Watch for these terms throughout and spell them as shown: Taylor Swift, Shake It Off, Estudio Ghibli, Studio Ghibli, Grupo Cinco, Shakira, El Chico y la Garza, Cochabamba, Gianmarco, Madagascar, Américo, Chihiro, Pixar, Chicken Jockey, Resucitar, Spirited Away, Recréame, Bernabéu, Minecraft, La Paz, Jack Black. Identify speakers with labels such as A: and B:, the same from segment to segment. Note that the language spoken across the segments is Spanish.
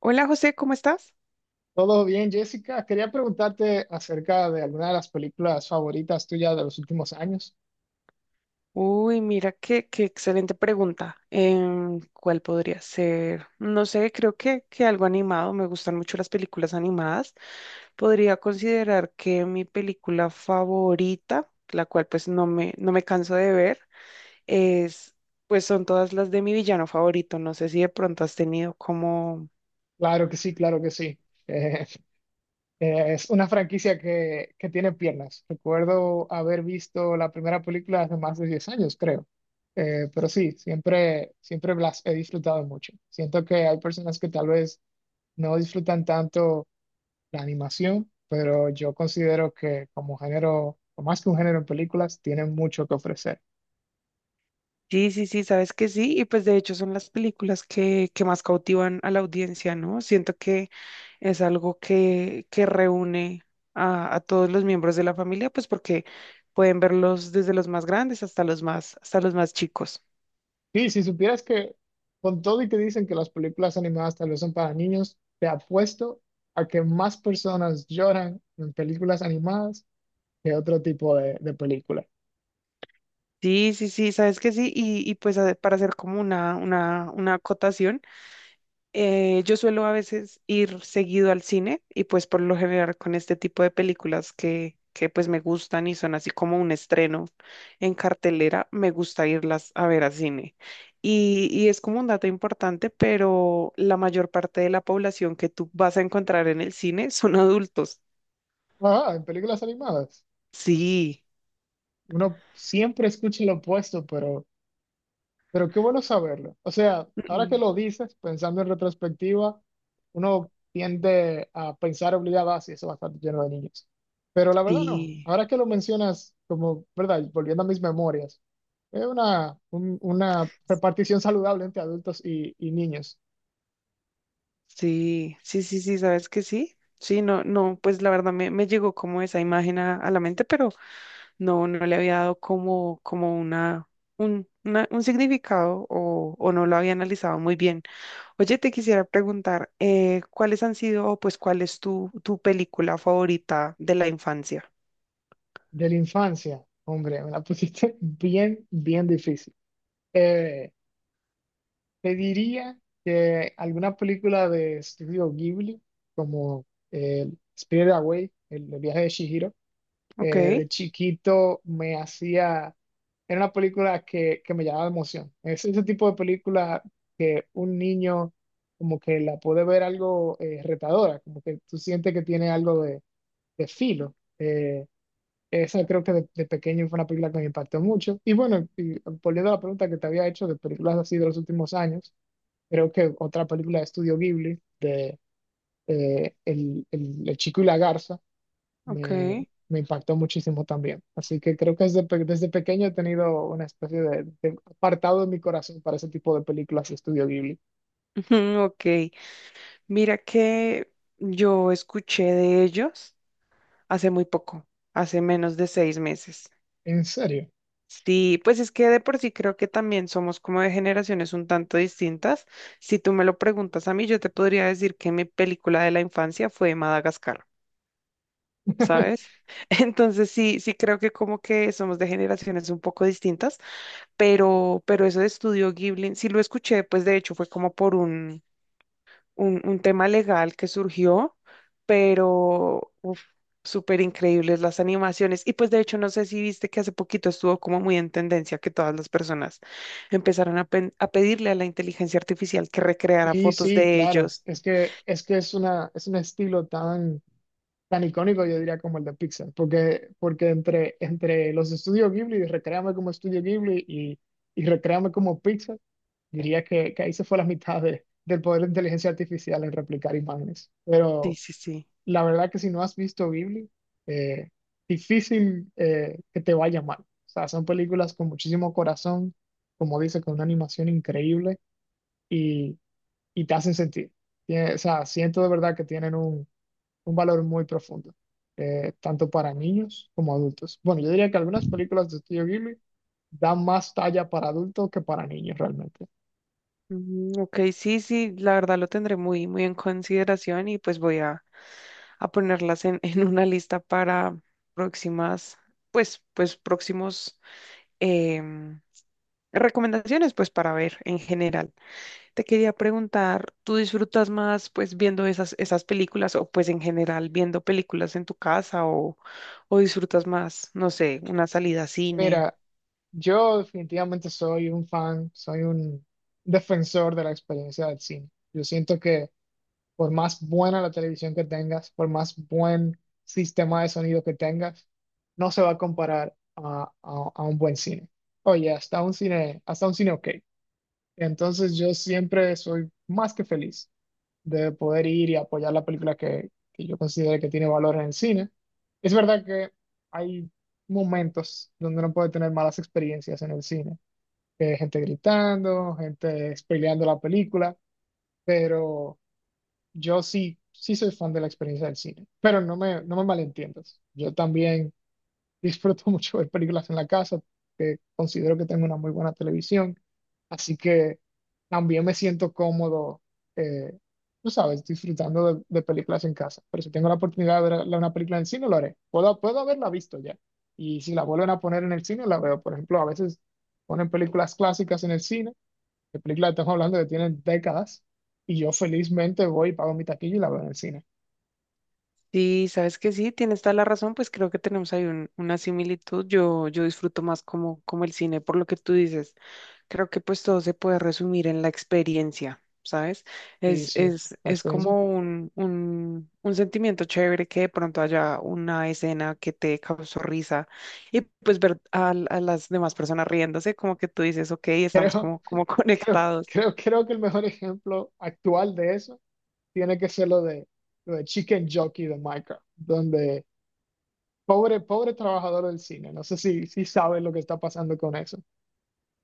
A: Hola José, ¿cómo estás?
B: Todo bien, Jessica. Quería preguntarte acerca de alguna de las películas favoritas tuyas de los últimos años.
A: Uy, mira qué excelente pregunta. ¿Cuál podría ser? No sé, creo que algo animado. Me gustan mucho las películas animadas. Podría considerar que mi película favorita, la cual pues no me canso de ver, es, pues son todas las de mi villano favorito. No sé si de pronto has tenido como.
B: Claro que sí, claro que sí. Eh, es una franquicia que tiene piernas. Recuerdo haber visto la primera película hace más de 10 años, creo. Pero sí, siempre las he disfrutado mucho. Siento que hay personas que tal vez no disfrutan tanto la animación, pero yo considero que como género, o más que un género en películas, tienen mucho que ofrecer.
A: Sí, sabes que sí, y pues de hecho son las películas que más cautivan a la audiencia, ¿no? Siento que es algo que reúne a todos los miembros de la familia, pues porque pueden verlos desde los más grandes hasta los hasta los más chicos.
B: Sí, si supieras que con todo y que dicen que las películas animadas tal vez son para niños, te apuesto a que más personas lloran en películas animadas que otro tipo de película.
A: Sí, sabes que sí, y pues para hacer como una acotación. Yo suelo a veces ir seguido al cine y pues por lo general con este tipo de películas que pues me gustan y son así como un estreno en cartelera, me gusta irlas a ver al cine. Y es como un dato importante, pero la mayor parte de la población que tú vas a encontrar en el cine son adultos.
B: Ajá, en películas animadas.
A: Sí,
B: Uno siempre escucha lo opuesto, pero pero qué bueno saberlo. O sea, ahora que
A: mm,
B: lo dices, pensando en retrospectiva, uno tiende a pensar obligado así, eso va a estar lleno de niños. Pero la verdad no.
A: sí,
B: Ahora que lo mencionas, como, ¿verdad? Y volviendo a mis memorias, es una repartición saludable entre adultos y niños.
A: sí, ¿sabes que sí? Sí, no, no, pues la verdad me llegó como esa imagen a la mente, pero no, no le había dado como, como una, un significado o no lo había analizado muy bien. Oye, te quisiera preguntar, ¿cuáles han sido o pues cuál es tu película favorita de la infancia?
B: De la infancia, hombre, me la pusiste bien, bien difícil. Eh, Te diría que alguna película de Estudio Ghibli, como eh, Spirited Away, el viaje de Chihiro, eh,
A: Ok,
B: de chiquito me hacía, era una película que me llamaba la emoción. Es ese tipo de película que un niño como que la puede ver algo retadora, como que tú sientes que tiene algo de filo. Eh, Esa creo que de pequeño fue una película que me impactó mucho. Y bueno, y volviendo a la pregunta que te había hecho de películas así de los últimos años, creo que otra película de Estudio Ghibli, de El Chico y la Garza,
A: ok.
B: me, me impactó muchísimo también. Así que creo que desde pequeño he tenido una especie de apartado en mi corazón para ese tipo de películas de Estudio Ghibli.
A: Ujú, ok, mira que yo escuché de ellos hace muy poco, hace menos de 6 meses.
B: ¿En serio?
A: Sí, pues es que de por sí creo que también somos como de generaciones un tanto distintas. Si tú me lo preguntas a mí, yo te podría decir que mi película de la infancia fue Madagascar, ¿sabes? Entonces sí, sí creo que como que somos de generaciones un poco distintas, pero eso de Estudio Ghibli, sí lo escuché, pues de hecho fue como por un un tema legal que surgió, pero uf, súper increíbles las animaciones. Y pues de hecho, no sé si viste que hace poquito estuvo como muy en tendencia que todas las personas empezaron a pedirle a la inteligencia artificial que recreara
B: Sí,
A: fotos
B: sí,
A: de
B: claro.
A: ellos.
B: Es que es un estilo tan icónico, yo diría como el de Pixar, porque entre los estudios Ghibli y Recréame como estudio Ghibli y Recréame como Pixar, diría que ahí se fue la mitad del poder de inteligencia artificial en replicar imágenes.
A: Sí,
B: Pero
A: sí, sí.
B: la verdad que si no has visto Ghibli, eh, difícil que te vaya mal. O sea, son películas con muchísimo corazón, como dice, con una animación increíble y te hacen sentir. O sea, siento de verdad que tienen un valor muy profundo, tanto para niños como adultos. Bueno, yo diría que algunas películas de Studio Ghibli dan más talla para adultos que para niños realmente.
A: Ujú, ok, sí, la verdad lo tendré muy en consideración y pues voy a ponerlas en, en una lista para próximas, pues próximos em, recomendaciones, pues para ver en general. Te quería preguntar, ¿tú disfrutas más pues viendo esas películas o pues en general viendo películas en tu casa o disfrutas más, no sé, una salida a cine?
B: Mira, yo definitivamente soy un defensor de la experiencia del cine. Yo siento que por más buena la televisión que tengas, por más buen sistema de sonido que tengas, no se va a comparar a un buen cine. Oye, hasta un cine ok. Entonces yo siempre soy más que feliz de poder ir y apoyar la película que yo considero que tiene valor en el cine. Es verdad que hay momentos donde uno puede tener malas experiencias en el cine, que hay gente gritando, gente spoileando la película, pero yo sí soy fan de la experiencia del cine, pero no me malentiendas. Yo también disfruto mucho ver películas en la casa, que considero que tengo una muy buena televisión, así que también me siento cómodo, eh, tú sabes, disfrutando de películas en casa. Pero si tengo la oportunidad de ver una película en el cine, lo haré. Puedo haberla visto ya. Y si la vuelven a poner en el cine, la veo. Por ejemplo, a veces ponen películas clásicas en el cine. La película estamos hablando que tiene décadas, y yo felizmente voy y pago mi taquilla y la veo en el cine.
A: Sí, sabes que sí, tienes toda la razón, pues creo que tenemos ahí una similitud. Yo disfruto más como el cine, por lo que tú dices. Creo que pues todo se puede resumir en la experiencia, ¿sabes?
B: Y sí, la
A: Es
B: experiencia.
A: como un sentimiento chévere que de pronto haya una escena que te causó risa y pues ver a las demás personas riéndose, como que tú dices, ok, estamos
B: Creo,
A: como
B: creo,
A: conectados.
B: creo, creo que el mejor ejemplo actual de eso tiene que ser lo de Chicken Jockey de Minecraft, donde pobre trabajador del cine, no sé si sabes lo que está pasando con eso.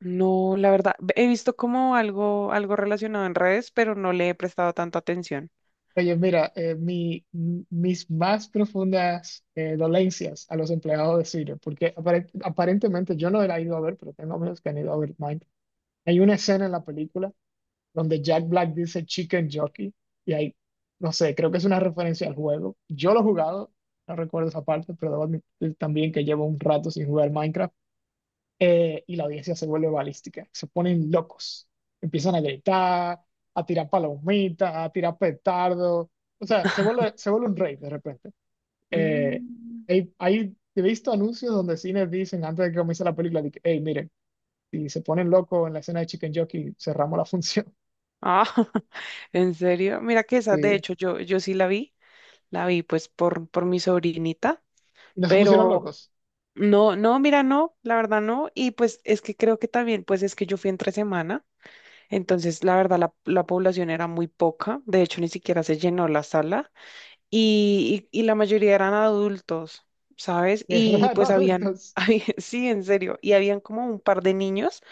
A: No, la verdad, he visto como algo relacionado en redes, pero no le he prestado tanta atención.
B: Oye, mira, mis más profundas dolencias a los empleados de cine, porque aparentemente yo no la he ido a ver, pero tengo amigos que han ido a ver Minecraft. Hay una escena en la película donde Jack Black dice Chicken Jockey y hay, no sé, creo que es una referencia al juego. Yo lo he jugado, no recuerdo esa parte, pero debo admitir también que llevo un rato sin jugar Minecraft, y la audiencia se vuelve balística, se ponen locos, empiezan a gritar, a tirar palomitas, a tirar petardos, o sea, se vuelve un rey de repente. Eh,
A: Mm.
B: he visto anuncios donde cines dicen antes de que comience la película, de que, hey, miren, si se ponen locos en la escena de Chicken Jockey, cerramos la función.
A: Ah, ¿en serio? Mira que esa, de
B: Sí.
A: hecho, yo sí la vi. La vi pues por mi sobrinita,
B: Y no se pusieron
A: pero
B: locos.
A: no, no, mira, no, la verdad no. Y pues es que creo que también, pues es que yo fui entre semana, entonces la verdad la población era muy poca, de hecho ni siquiera se llenó la sala y la mayoría eran adultos, ¿sabes?
B: Es
A: Y
B: raro,
A: pues habían,
B: adultos.
A: había- sí, en serio, y habían como un par de niños,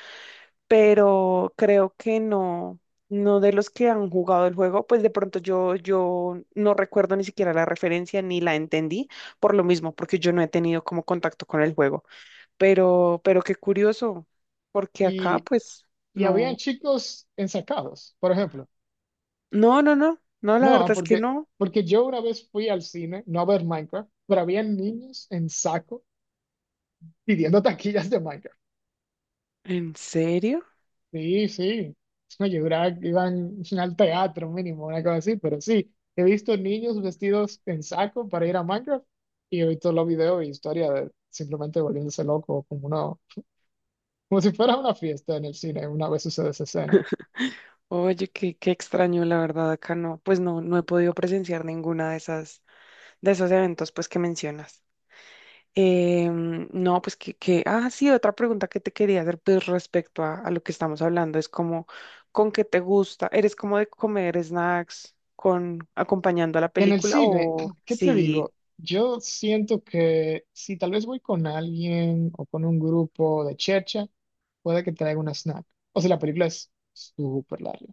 A: pero creo que no, no de los que han jugado el juego, pues de pronto yo no recuerdo ni siquiera la referencia ni la entendí por lo mismo, porque yo no he tenido como contacto con el juego, pero qué curioso, porque acá
B: Y,
A: pues
B: y habían
A: no,
B: chicos ensacados, por ejemplo.
A: no, no, no, no, la
B: No,
A: verdad es que
B: porque,
A: no.
B: porque yo una vez fui al cine, no a ver Minecraft, pero habían niños en saco pidiendo taquillas de Minecraft.
A: ¿En serio?
B: Sí, sí. No, yo juraba que iban al teatro mínimo, una cosa así, pero sí. He visto niños vestidos en saco para ir a Minecraft y he visto los videos y historias de simplemente volviéndose loco como una, como si fuera una fiesta en el cine, una vez sucede esa escena.
A: Oye, qué extraño, la verdad, acá no, pues no, no he podido presenciar ninguna de esas, de esos eventos pues que mencionas. No, pues sí, otra pregunta que te quería hacer, pues respecto a lo que estamos hablando, es como, ¿con qué te gusta? ¿Eres como de comer snacks con acompañando a la
B: En el
A: película
B: cine,
A: o
B: ¿qué te
A: sí?
B: digo? Yo siento que si tal vez voy con alguien o con un grupo de chercha, puede que traiga una snack. O sea, la película es súper larga.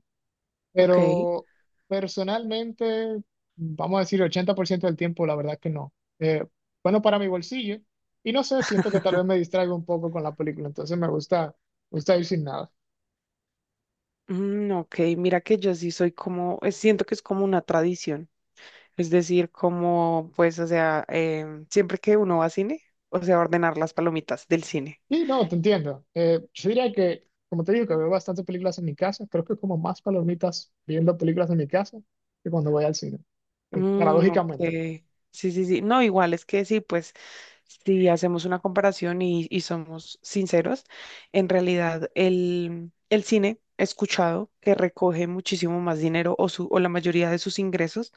A: Ok.
B: Pero personalmente, vamos a decir 80% del tiempo, la verdad que no. Eh, bueno, para mi bolsillo. Y no sé, siento que tal vez me distraigo un poco con la película, entonces me gusta ir sin nada.
A: Mm, ok, mira que yo sí soy como, siento que es como una tradición, es decir, como, pues, o sea, siempre que uno va a cine, o sea, ordenar las palomitas del cine.
B: Sí, no, te entiendo. Yo diría que, como te digo, que veo bastantes películas en mi casa, creo que como más palomitas viendo películas en mi casa que cuando voy al cine,
A: Mm, ok.
B: paradójicamente.
A: Sí. No, igual es que sí, pues si hacemos una comparación y somos sinceros, en realidad el cine he escuchado que recoge muchísimo más dinero o, su, o la mayoría de sus ingresos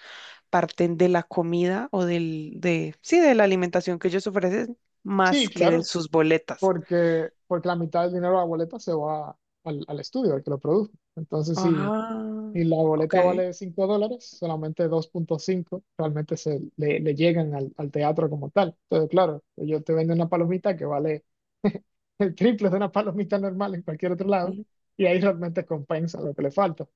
A: parten de la comida o del, de, sí, de la alimentación que ellos ofrecen
B: Sí,
A: más que de
B: claro,
A: sus boletas.
B: porque la mitad del dinero de la boleta se va al estudio, al que lo produce. Entonces, sí.
A: Ah,
B: Y la
A: ok.
B: boleta vale $5, solamente 2.5 realmente le llegan al teatro como tal. Entonces, claro, yo te vendo una palomita que vale el triple de una palomita normal en cualquier otro lado, y ahí realmente compensa lo que le falta.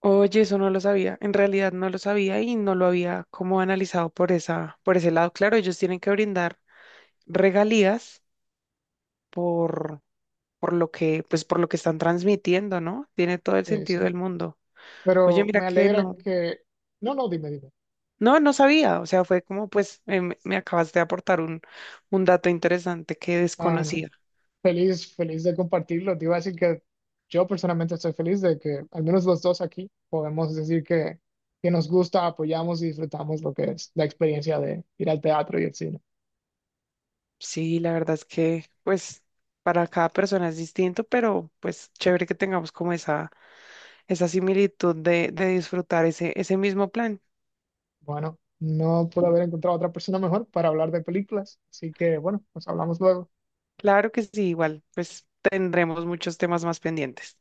A: Oye, eso no lo sabía. En realidad no lo sabía y no lo había como analizado por esa, por ese lado. Claro, ellos tienen que brindar regalías por, por lo que, pues por lo que están transmitiendo, ¿no? Tiene todo el sentido
B: Sí.
A: del mundo. Oye,
B: Pero
A: mira
B: me
A: que
B: alegra
A: no,
B: que... No, no, dime, dime.
A: no sabía. O sea, fue como, pues, me acabaste de aportar un dato interesante que
B: Ah, no.
A: desconocía.
B: Feliz de compartirlo. Te iba a decir que yo personalmente estoy feliz de que al menos los dos aquí podemos decir que nos gusta, apoyamos y disfrutamos lo que es la experiencia de ir al teatro y el cine.
A: Sí, la verdad es que, pues, para cada persona es distinto, pero pues chévere que tengamos como esa esa similitud de disfrutar ese, ese mismo plan.
B: Bueno, no puedo haber encontrado otra persona mejor para hablar de películas, así que bueno, nos hablamos luego.
A: Claro que sí, igual, pues tendremos muchos temas más pendientes.